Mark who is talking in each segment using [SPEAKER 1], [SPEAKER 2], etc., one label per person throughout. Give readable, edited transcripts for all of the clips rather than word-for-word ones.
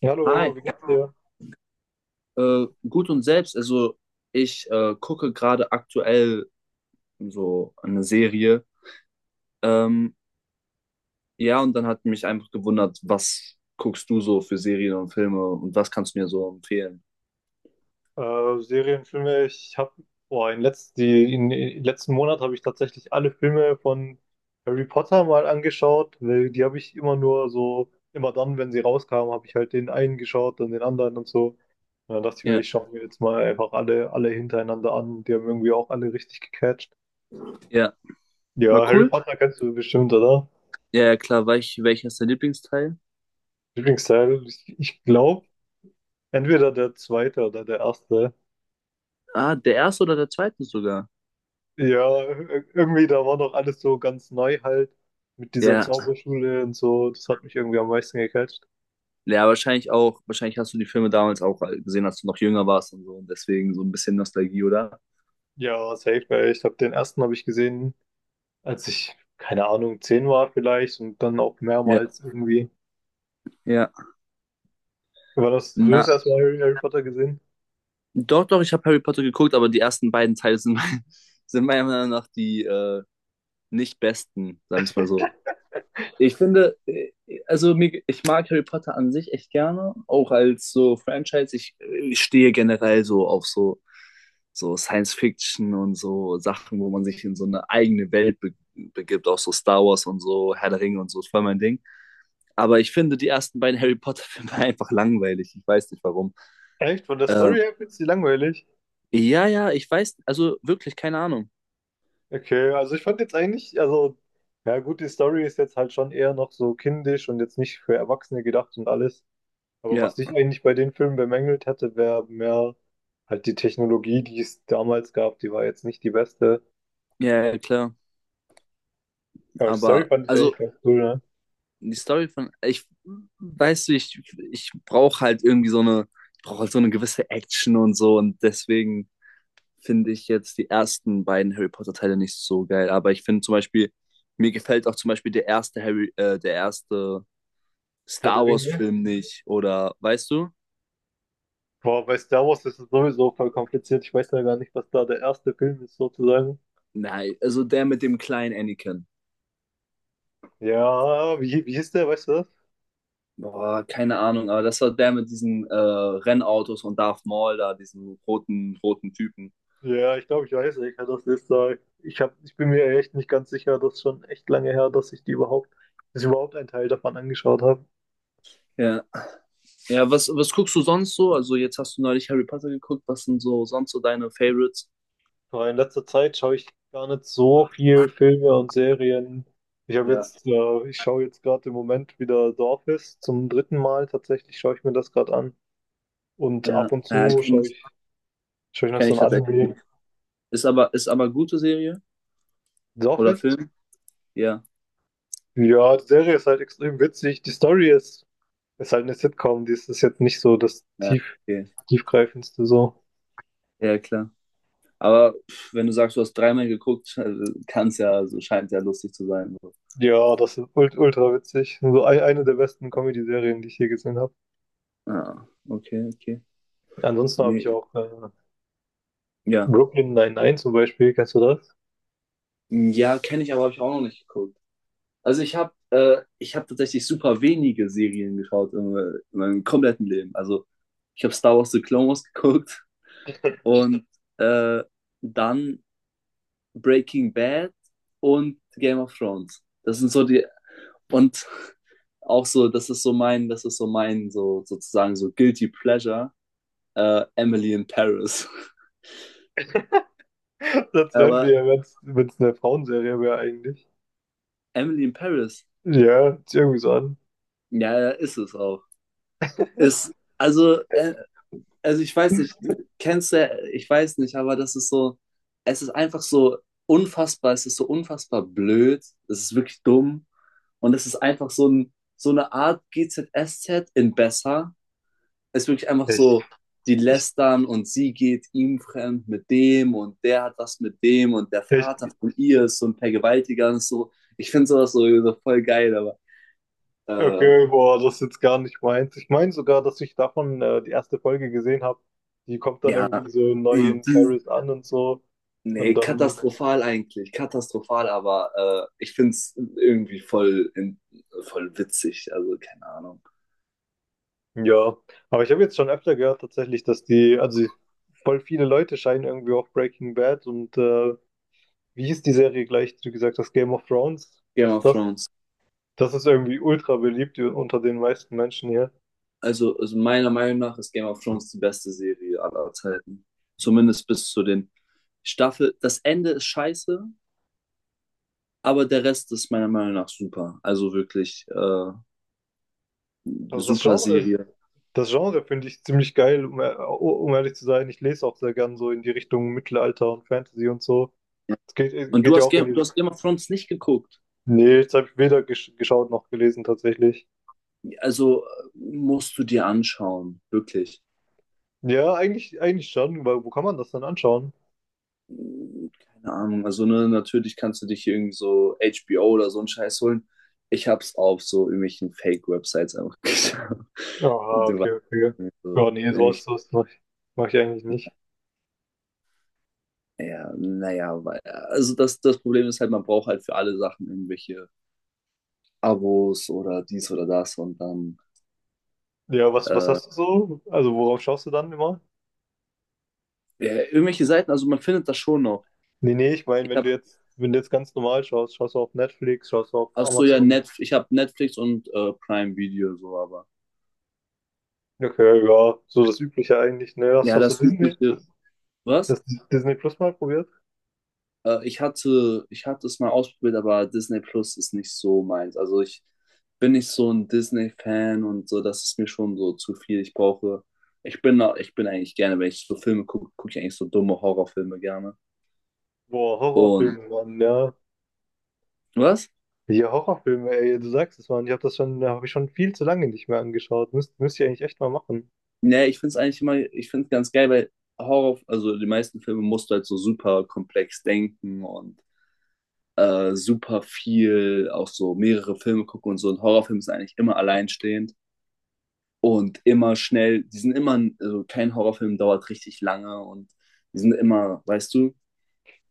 [SPEAKER 1] Ja, hallo,
[SPEAKER 2] Hi,
[SPEAKER 1] wie geht's dir?
[SPEAKER 2] gut und selbst. Also ich gucke gerade aktuell so eine Serie. Ähm, ja, und dann hat mich einfach gewundert, was guckst du so für Serien und Filme und was kannst du mir so empfehlen?
[SPEAKER 1] Serien, Filme, ich habe, boah, in letz die, in letzten Monat habe ich tatsächlich alle Filme von Harry Potter mal angeschaut, weil die habe ich immer nur so, immer dann, wenn sie rauskamen, habe ich halt den einen geschaut und den anderen und so. Und dann dachte ich mir,
[SPEAKER 2] Ja,
[SPEAKER 1] ich schaue mir jetzt mal einfach alle hintereinander an. Die haben irgendwie auch alle richtig gecatcht.
[SPEAKER 2] ja, war
[SPEAKER 1] Ja, Harry
[SPEAKER 2] cool.
[SPEAKER 1] Potter kennst du bestimmt, oder?
[SPEAKER 2] Ja, ja, klar. Welcher ist dein Lieblingsteil?
[SPEAKER 1] Lieblingsteil, ich glaube, entweder der zweite oder der erste.
[SPEAKER 2] Ah, der erste oder der zweite sogar?
[SPEAKER 1] Ja, irgendwie, da war noch alles so ganz neu halt mit dieser
[SPEAKER 2] Ja,
[SPEAKER 1] Zauberschule und so. Das hat mich irgendwie am meisten gecatcht.
[SPEAKER 2] ja, wahrscheinlich auch, wahrscheinlich hast du die Filme damals auch gesehen, als du noch jünger warst und so. Und deswegen so ein bisschen Nostalgie, oder?
[SPEAKER 1] Ja, safe, ey. Ich habe den ersten habe ich gesehen, als ich, keine Ahnung, 10 war vielleicht, und dann auch
[SPEAKER 2] Ja,
[SPEAKER 1] mehrmals irgendwie.
[SPEAKER 2] ja.
[SPEAKER 1] War das, du
[SPEAKER 2] Na,
[SPEAKER 1] hast erstmal Harry Potter gesehen?
[SPEAKER 2] doch, doch, ich habe Harry Potter geguckt, aber die ersten beiden Teile sind, sind meiner Meinung nach die nicht besten, sagen wir es mal so. Ich finde, also mir, ich mag Harry Potter an sich echt gerne, auch als so Franchise. Ich stehe generell so auf so, so Science Fiction und so Sachen, wo man sich in so eine eigene Welt be begibt, auch so Star Wars und so, Herr der Ringe und so, ist voll mein Ding. Aber ich finde die ersten beiden Harry Potter-Filme einfach langweilig. Ich weiß nicht warum.
[SPEAKER 1] Echt? Von der Story
[SPEAKER 2] Ähm,
[SPEAKER 1] her findest du die langweilig?
[SPEAKER 2] ja, ja, ich weiß, also wirklich, keine Ahnung.
[SPEAKER 1] Okay, also ich fand jetzt eigentlich, also, ja gut, die Story ist jetzt halt schon eher noch so kindisch und jetzt nicht für Erwachsene gedacht und alles. Aber
[SPEAKER 2] Ja,
[SPEAKER 1] was ich eigentlich bei den Filmen bemängelt hätte, wäre mehr halt die Technologie, die es damals gab, die war jetzt nicht die beste.
[SPEAKER 2] ja, ja, klar.
[SPEAKER 1] Aber die Story
[SPEAKER 2] Aber,
[SPEAKER 1] fand ich
[SPEAKER 2] also
[SPEAKER 1] eigentlich ganz cool, ne?
[SPEAKER 2] die Story von, ich, weißt du, ich brauche halt irgendwie so eine, ich brauche halt so eine gewisse Action und so und deswegen finde ich jetzt die ersten beiden Harry Potter Teile nicht so geil, aber ich finde zum Beispiel, mir gefällt auch zum Beispiel der erste der erste
[SPEAKER 1] Herr der
[SPEAKER 2] Star Wars
[SPEAKER 1] Ringe.
[SPEAKER 2] Film nicht oder, weißt du?
[SPEAKER 1] Boah, bei Star Wars ist es sowieso voll kompliziert. Ich weiß ja gar nicht, was da der erste Film ist, sozusagen.
[SPEAKER 2] Nein, also der mit dem kleinen Anakin.
[SPEAKER 1] Ja, wie hieß der, weißt du das?
[SPEAKER 2] Boah, keine Ahnung, aber das war der mit diesen Rennautos und Darth Maul da, diesen roten, roten Typen.
[SPEAKER 1] Ja, ich glaube, ich weiß, ich kann das nicht sagen. Ich bin mir echt nicht ganz sicher, das ist schon echt lange her, dass ich überhaupt einen Teil davon angeschaut habe.
[SPEAKER 2] Ja. Ja, was, was guckst du sonst so? Also jetzt hast du neulich Harry Potter geguckt. Was sind so sonst so deine Favorites?
[SPEAKER 1] Aber in letzter Zeit schaue ich gar nicht so viel Filme und Serien. Ich habe
[SPEAKER 2] Ja,
[SPEAKER 1] jetzt, äh, ich schaue jetzt gerade im Moment wieder The Office zum 3. Mal. Tatsächlich schaue ich mir das gerade an. Und
[SPEAKER 2] Ja,
[SPEAKER 1] ab und
[SPEAKER 2] äh,
[SPEAKER 1] zu
[SPEAKER 2] kenne
[SPEAKER 1] schaue
[SPEAKER 2] ich,
[SPEAKER 1] ich, schaue ich noch
[SPEAKER 2] kenn
[SPEAKER 1] so
[SPEAKER 2] ich
[SPEAKER 1] ein
[SPEAKER 2] tatsächlich.
[SPEAKER 1] Anime.
[SPEAKER 2] Ist aber gute Serie
[SPEAKER 1] The
[SPEAKER 2] oder
[SPEAKER 1] Office?
[SPEAKER 2] Film? Ja,
[SPEAKER 1] Ja, die Serie ist halt extrem witzig. Die Story ist, ist halt eine Sitcom. Die ist jetzt nicht so das
[SPEAKER 2] ja, okay.
[SPEAKER 1] tiefgreifendste so.
[SPEAKER 2] Ja, klar. Aber pff, wenn du sagst, du hast dreimal geguckt, kann es ja, also scheint ja lustig zu sein. So.
[SPEAKER 1] Ja, das ist ultra witzig. So eine der besten Comedy-Serien, die ich je gesehen habe.
[SPEAKER 2] Ah, okay, okay.
[SPEAKER 1] Ansonsten habe ich
[SPEAKER 2] Nee,
[SPEAKER 1] auch
[SPEAKER 2] ja.
[SPEAKER 1] Brooklyn Nine-Nine zum Beispiel. Kennst du das?
[SPEAKER 2] Ja, kenne ich, aber habe ich auch noch nicht geguckt. Also ich habe tatsächlich super wenige Serien geschaut in meinem kompletten Leben. Also ich habe Star Wars The Clone Wars geguckt und äh, dann Breaking Bad und Game of Thrones. Das sind so die und auch so, das ist so mein, das ist so mein so sozusagen so guilty pleasure Emily in Paris.
[SPEAKER 1] Das wären
[SPEAKER 2] Aber
[SPEAKER 1] wir ja, wenn es eine Frauenserie wäre eigentlich.
[SPEAKER 2] Emily in Paris,
[SPEAKER 1] Ja, ist irgendwie so an.
[SPEAKER 2] ja, ja, ist es auch. Ist also ich weiß nicht, kennst du, ich weiß nicht, aber das ist so, es ist einfach so unfassbar, es ist so unfassbar blöd, es ist wirklich dumm und es ist einfach so, ein, so eine Art GZSZ in besser. Es ist wirklich einfach
[SPEAKER 1] Ich,
[SPEAKER 2] so, die lästern und sie geht ihm fremd mit dem und der hat was mit dem und der
[SPEAKER 1] ich,
[SPEAKER 2] Vater von ihr ist so ein Vergewaltiger und so. Ich finde sowas so, so voll geil, äh,
[SPEAKER 1] okay, boah, das ist jetzt gar nicht meins. Ich meine sogar, dass ich davon die erste Folge gesehen habe. Die kommt dann
[SPEAKER 2] ja,
[SPEAKER 1] irgendwie so neu in
[SPEAKER 2] die,
[SPEAKER 1] Paris an und so. Und
[SPEAKER 2] nee,
[SPEAKER 1] dann,
[SPEAKER 2] katastrophal eigentlich, katastrophal, ich find's irgendwie voll, in, voll witzig, also keine Ahnung.
[SPEAKER 1] ja. Aber ich habe jetzt schon öfter gehört tatsächlich, dass die, also voll viele Leute scheinen irgendwie auf Breaking Bad und wie hieß die Serie gleich, die du gesagt hast, Game of Thrones,
[SPEAKER 2] Game
[SPEAKER 1] dass
[SPEAKER 2] of
[SPEAKER 1] das,
[SPEAKER 2] Thrones.
[SPEAKER 1] das ist irgendwie ultra beliebt unter den meisten Menschen hier.
[SPEAKER 2] Also meiner Meinung nach ist Game of Thrones die beste Serie aller Zeiten. Zumindest bis zu den Staffel. Das Ende ist scheiße, aber der Rest ist meiner Meinung nach super. Also wirklich,
[SPEAKER 1] Also das
[SPEAKER 2] super
[SPEAKER 1] Genre,
[SPEAKER 2] Serie.
[SPEAKER 1] das Genre finde ich ziemlich geil, um ehrlich zu sein. Ich lese auch sehr gern so in die Richtung Mittelalter und Fantasy und so.
[SPEAKER 2] Ja.
[SPEAKER 1] Es
[SPEAKER 2] Und
[SPEAKER 1] geht ja auch in die
[SPEAKER 2] Du hast
[SPEAKER 1] Richtung.
[SPEAKER 2] Game of Thrones nicht geguckt.
[SPEAKER 1] Nee, jetzt habe ich weder geschaut noch gelesen tatsächlich.
[SPEAKER 2] Also musst du dir anschauen, wirklich.
[SPEAKER 1] Ja, eigentlich schon, weil wo kann man das dann anschauen?
[SPEAKER 2] Keine Ahnung. Also, ne, natürlich kannst du dich hier irgendwie so HBO oder so einen Scheiß holen. Ich hab's auf so irgendwelchen Fake-Websites einfach geschaut.
[SPEAKER 1] Aha,
[SPEAKER 2] Du
[SPEAKER 1] okay,
[SPEAKER 2] weißt,
[SPEAKER 1] okay.
[SPEAKER 2] irgendwie so,
[SPEAKER 1] Ja, nee,
[SPEAKER 2] irgendwie-
[SPEAKER 1] sowas mach ich eigentlich nicht.
[SPEAKER 2] ja, naja, weil, also das, das Problem ist halt, man braucht halt für alle Sachen irgendwelche Abos oder dies oder das und dann
[SPEAKER 1] Ja, was hast du so? Also worauf schaust du dann immer?
[SPEAKER 2] ja, irgendwelche Seiten, also man findet das schon noch.
[SPEAKER 1] Nee, nee, ich meine,
[SPEAKER 2] Ich hab,
[SPEAKER 1] wenn du jetzt ganz normal schaust, schaust du auf Netflix, schaust du auf
[SPEAKER 2] ach so, ja,
[SPEAKER 1] Amazon?
[SPEAKER 2] net ich hab Netflix und Prime Video so, aber
[SPEAKER 1] Okay, ja, so das Übliche eigentlich, ne?
[SPEAKER 2] ja,
[SPEAKER 1] Hast du
[SPEAKER 2] das
[SPEAKER 1] Disney,
[SPEAKER 2] übliche, was?
[SPEAKER 1] das Disney Plus mal probiert?
[SPEAKER 2] Ich hatte es mal ausprobiert, aber Disney Plus ist nicht so meins. Also ich bin nicht so ein Disney-Fan und so, das ist mir schon so zu viel. Ich brauche, ich bin eigentlich gerne, wenn ich so Filme gucke, gucke ich eigentlich so dumme Horrorfilme gerne.
[SPEAKER 1] Boah,
[SPEAKER 2] Und
[SPEAKER 1] Horrorfilme, Mann, ja.
[SPEAKER 2] was?
[SPEAKER 1] Ja, Horrorfilme, ey, du sagst es, Mann. Ich habe das schon, habe ich schon viel zu lange nicht mehr angeschaut. Müsst ihr eigentlich echt mal machen.
[SPEAKER 2] Nee, ich finde es eigentlich immer, ich finde es ganz geil, weil Horror, also die meisten Filme musst du halt so super komplex denken und super viel, auch so mehrere Filme gucken und so. Ein Horrorfilm ist eigentlich immer alleinstehend. Und immer schnell, die sind immer, also kein Horrorfilm dauert richtig lange und die sind immer, weißt du,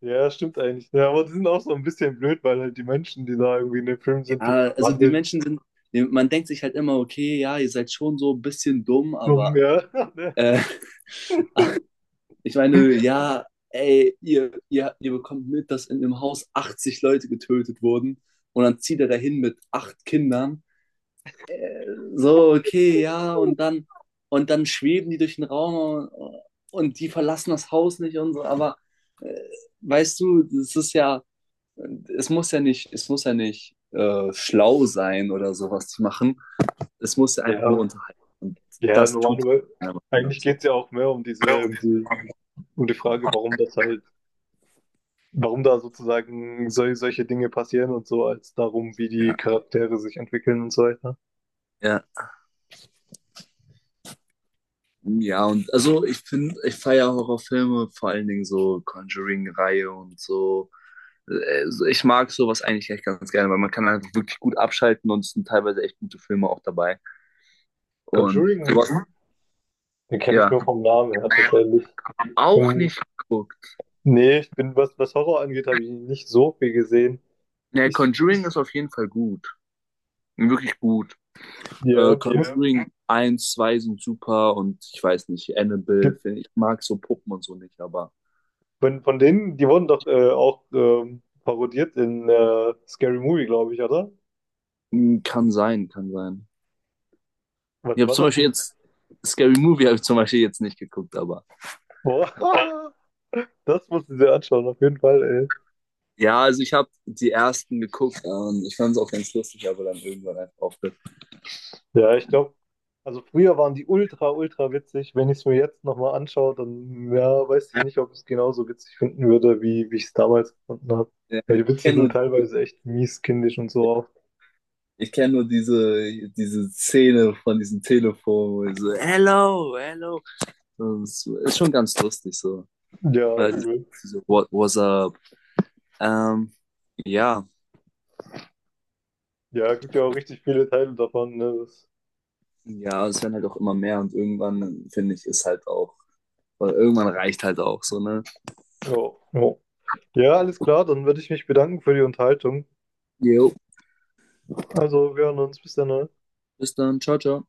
[SPEAKER 1] Ja, stimmt eigentlich. Ja, aber die sind auch so ein bisschen blöd, weil halt die Menschen, die da irgendwie in dem Film
[SPEAKER 2] ja,
[SPEAKER 1] sind, die
[SPEAKER 2] also die
[SPEAKER 1] wandeln
[SPEAKER 2] Menschen sind, die- man denkt sich halt immer, okay, ja, ihr seid schon so ein bisschen dumm,
[SPEAKER 1] dumm,
[SPEAKER 2] aber
[SPEAKER 1] ja.
[SPEAKER 2] äh, ich meine, ja, ey, ihr bekommt mit, dass in dem Haus 80 Leute getötet wurden und dann zieht er dahin mit acht Kindern. So, okay, ja, und dann schweben die durch den Raum und die verlassen das Haus nicht und so, äh, weißt du, das ist ja, es muss ja nicht, es muss ja nicht schlau sein oder sowas zu machen. Es muss ja einfach nur
[SPEAKER 1] Ja,
[SPEAKER 2] unterhalten. Und
[SPEAKER 1] ja,
[SPEAKER 2] das tut
[SPEAKER 1] normalerweise.
[SPEAKER 2] keiner
[SPEAKER 1] Aber
[SPEAKER 2] anders
[SPEAKER 1] eigentlich
[SPEAKER 2] so.
[SPEAKER 1] geht's ja auch mehr um
[SPEAKER 2] Ja.
[SPEAKER 1] diese, um die Frage, warum das halt warum da sozusagen solche Dinge passieren und so, als darum, wie die Charaktere sich entwickeln und so weiter.
[SPEAKER 2] Ja. Ja, und also ich finde, ich feiere Horrorfilme, vor allen Dingen so Conjuring-Reihe und so. So, ich mag sowas eigentlich echt ganz gerne, weil man kann einfach wirklich gut abschalten und es sind teilweise echt gute Filme auch dabei. Und
[SPEAKER 1] Conjuring,
[SPEAKER 2] sowas,
[SPEAKER 1] den kenne ich
[SPEAKER 2] ja,
[SPEAKER 1] nur vom Namen her tatsächlich.
[SPEAKER 2] auch
[SPEAKER 1] Ähm,
[SPEAKER 2] nicht geguckt.
[SPEAKER 1] Nee, ich bin, was, was Horror angeht, habe ich nicht so viel gesehen.
[SPEAKER 2] Ne,
[SPEAKER 1] Ich,
[SPEAKER 2] Conjuring ist auf jeden Fall gut. Wirklich gut.
[SPEAKER 1] ja, hm,
[SPEAKER 2] Conjuring 1, 2 sind super und ich weiß nicht, Annabelle,
[SPEAKER 1] gibt-
[SPEAKER 2] find ich mag so Puppen und so nicht, aber
[SPEAKER 1] von denen, die wurden doch auch parodiert in Scary Movie, glaube ich, oder?
[SPEAKER 2] mh, kann sein, kann sein. Ich
[SPEAKER 1] Was
[SPEAKER 2] habe
[SPEAKER 1] war
[SPEAKER 2] zum
[SPEAKER 1] das
[SPEAKER 2] Beispiel
[SPEAKER 1] denn?
[SPEAKER 2] jetzt Scary Movie habe ich zum Beispiel jetzt nicht geguckt, aber
[SPEAKER 1] Boah, das musst du dir anschauen, auf jeden Fall, ey.
[SPEAKER 2] ja, also ich habe die ersten geguckt und ich fand es auch ganz lustig, aber dann irgendwann einfach aufgehört.
[SPEAKER 1] Ja, ich glaube, also früher waren die ultra witzig. Wenn ich es mir jetzt nochmal anschaue, dann ja, weiß ich nicht, ob ich es genauso witzig finden würde, wie ich es damals gefunden habe.
[SPEAKER 2] Ja,
[SPEAKER 1] Ja,
[SPEAKER 2] ich
[SPEAKER 1] die Witze sind
[SPEAKER 2] kenne nur,
[SPEAKER 1] teilweise echt mies, kindisch und so auch.
[SPEAKER 2] ich kenn nur diese, diese Szene von diesem Telefon, wo ich so, hello, hello. Und ist schon ganz lustig so.
[SPEAKER 1] Ja,
[SPEAKER 2] Weil diese-
[SPEAKER 1] übel.
[SPEAKER 2] What, what's up? Ähm, ja,
[SPEAKER 1] Ja, gibt ja auch richtig viele Teile davon. Ne? Das,
[SPEAKER 2] ja, es werden halt auch immer mehr und irgendwann, finde ich, ist halt auch, weil irgendwann reicht halt auch so, ne?
[SPEAKER 1] ja, ja. Ja, alles klar, dann würde ich mich bedanken für die Unterhaltung.
[SPEAKER 2] Jo,
[SPEAKER 1] Also, wir hören uns. Bis dann, ne?
[SPEAKER 2] bis dann, ciao, ciao.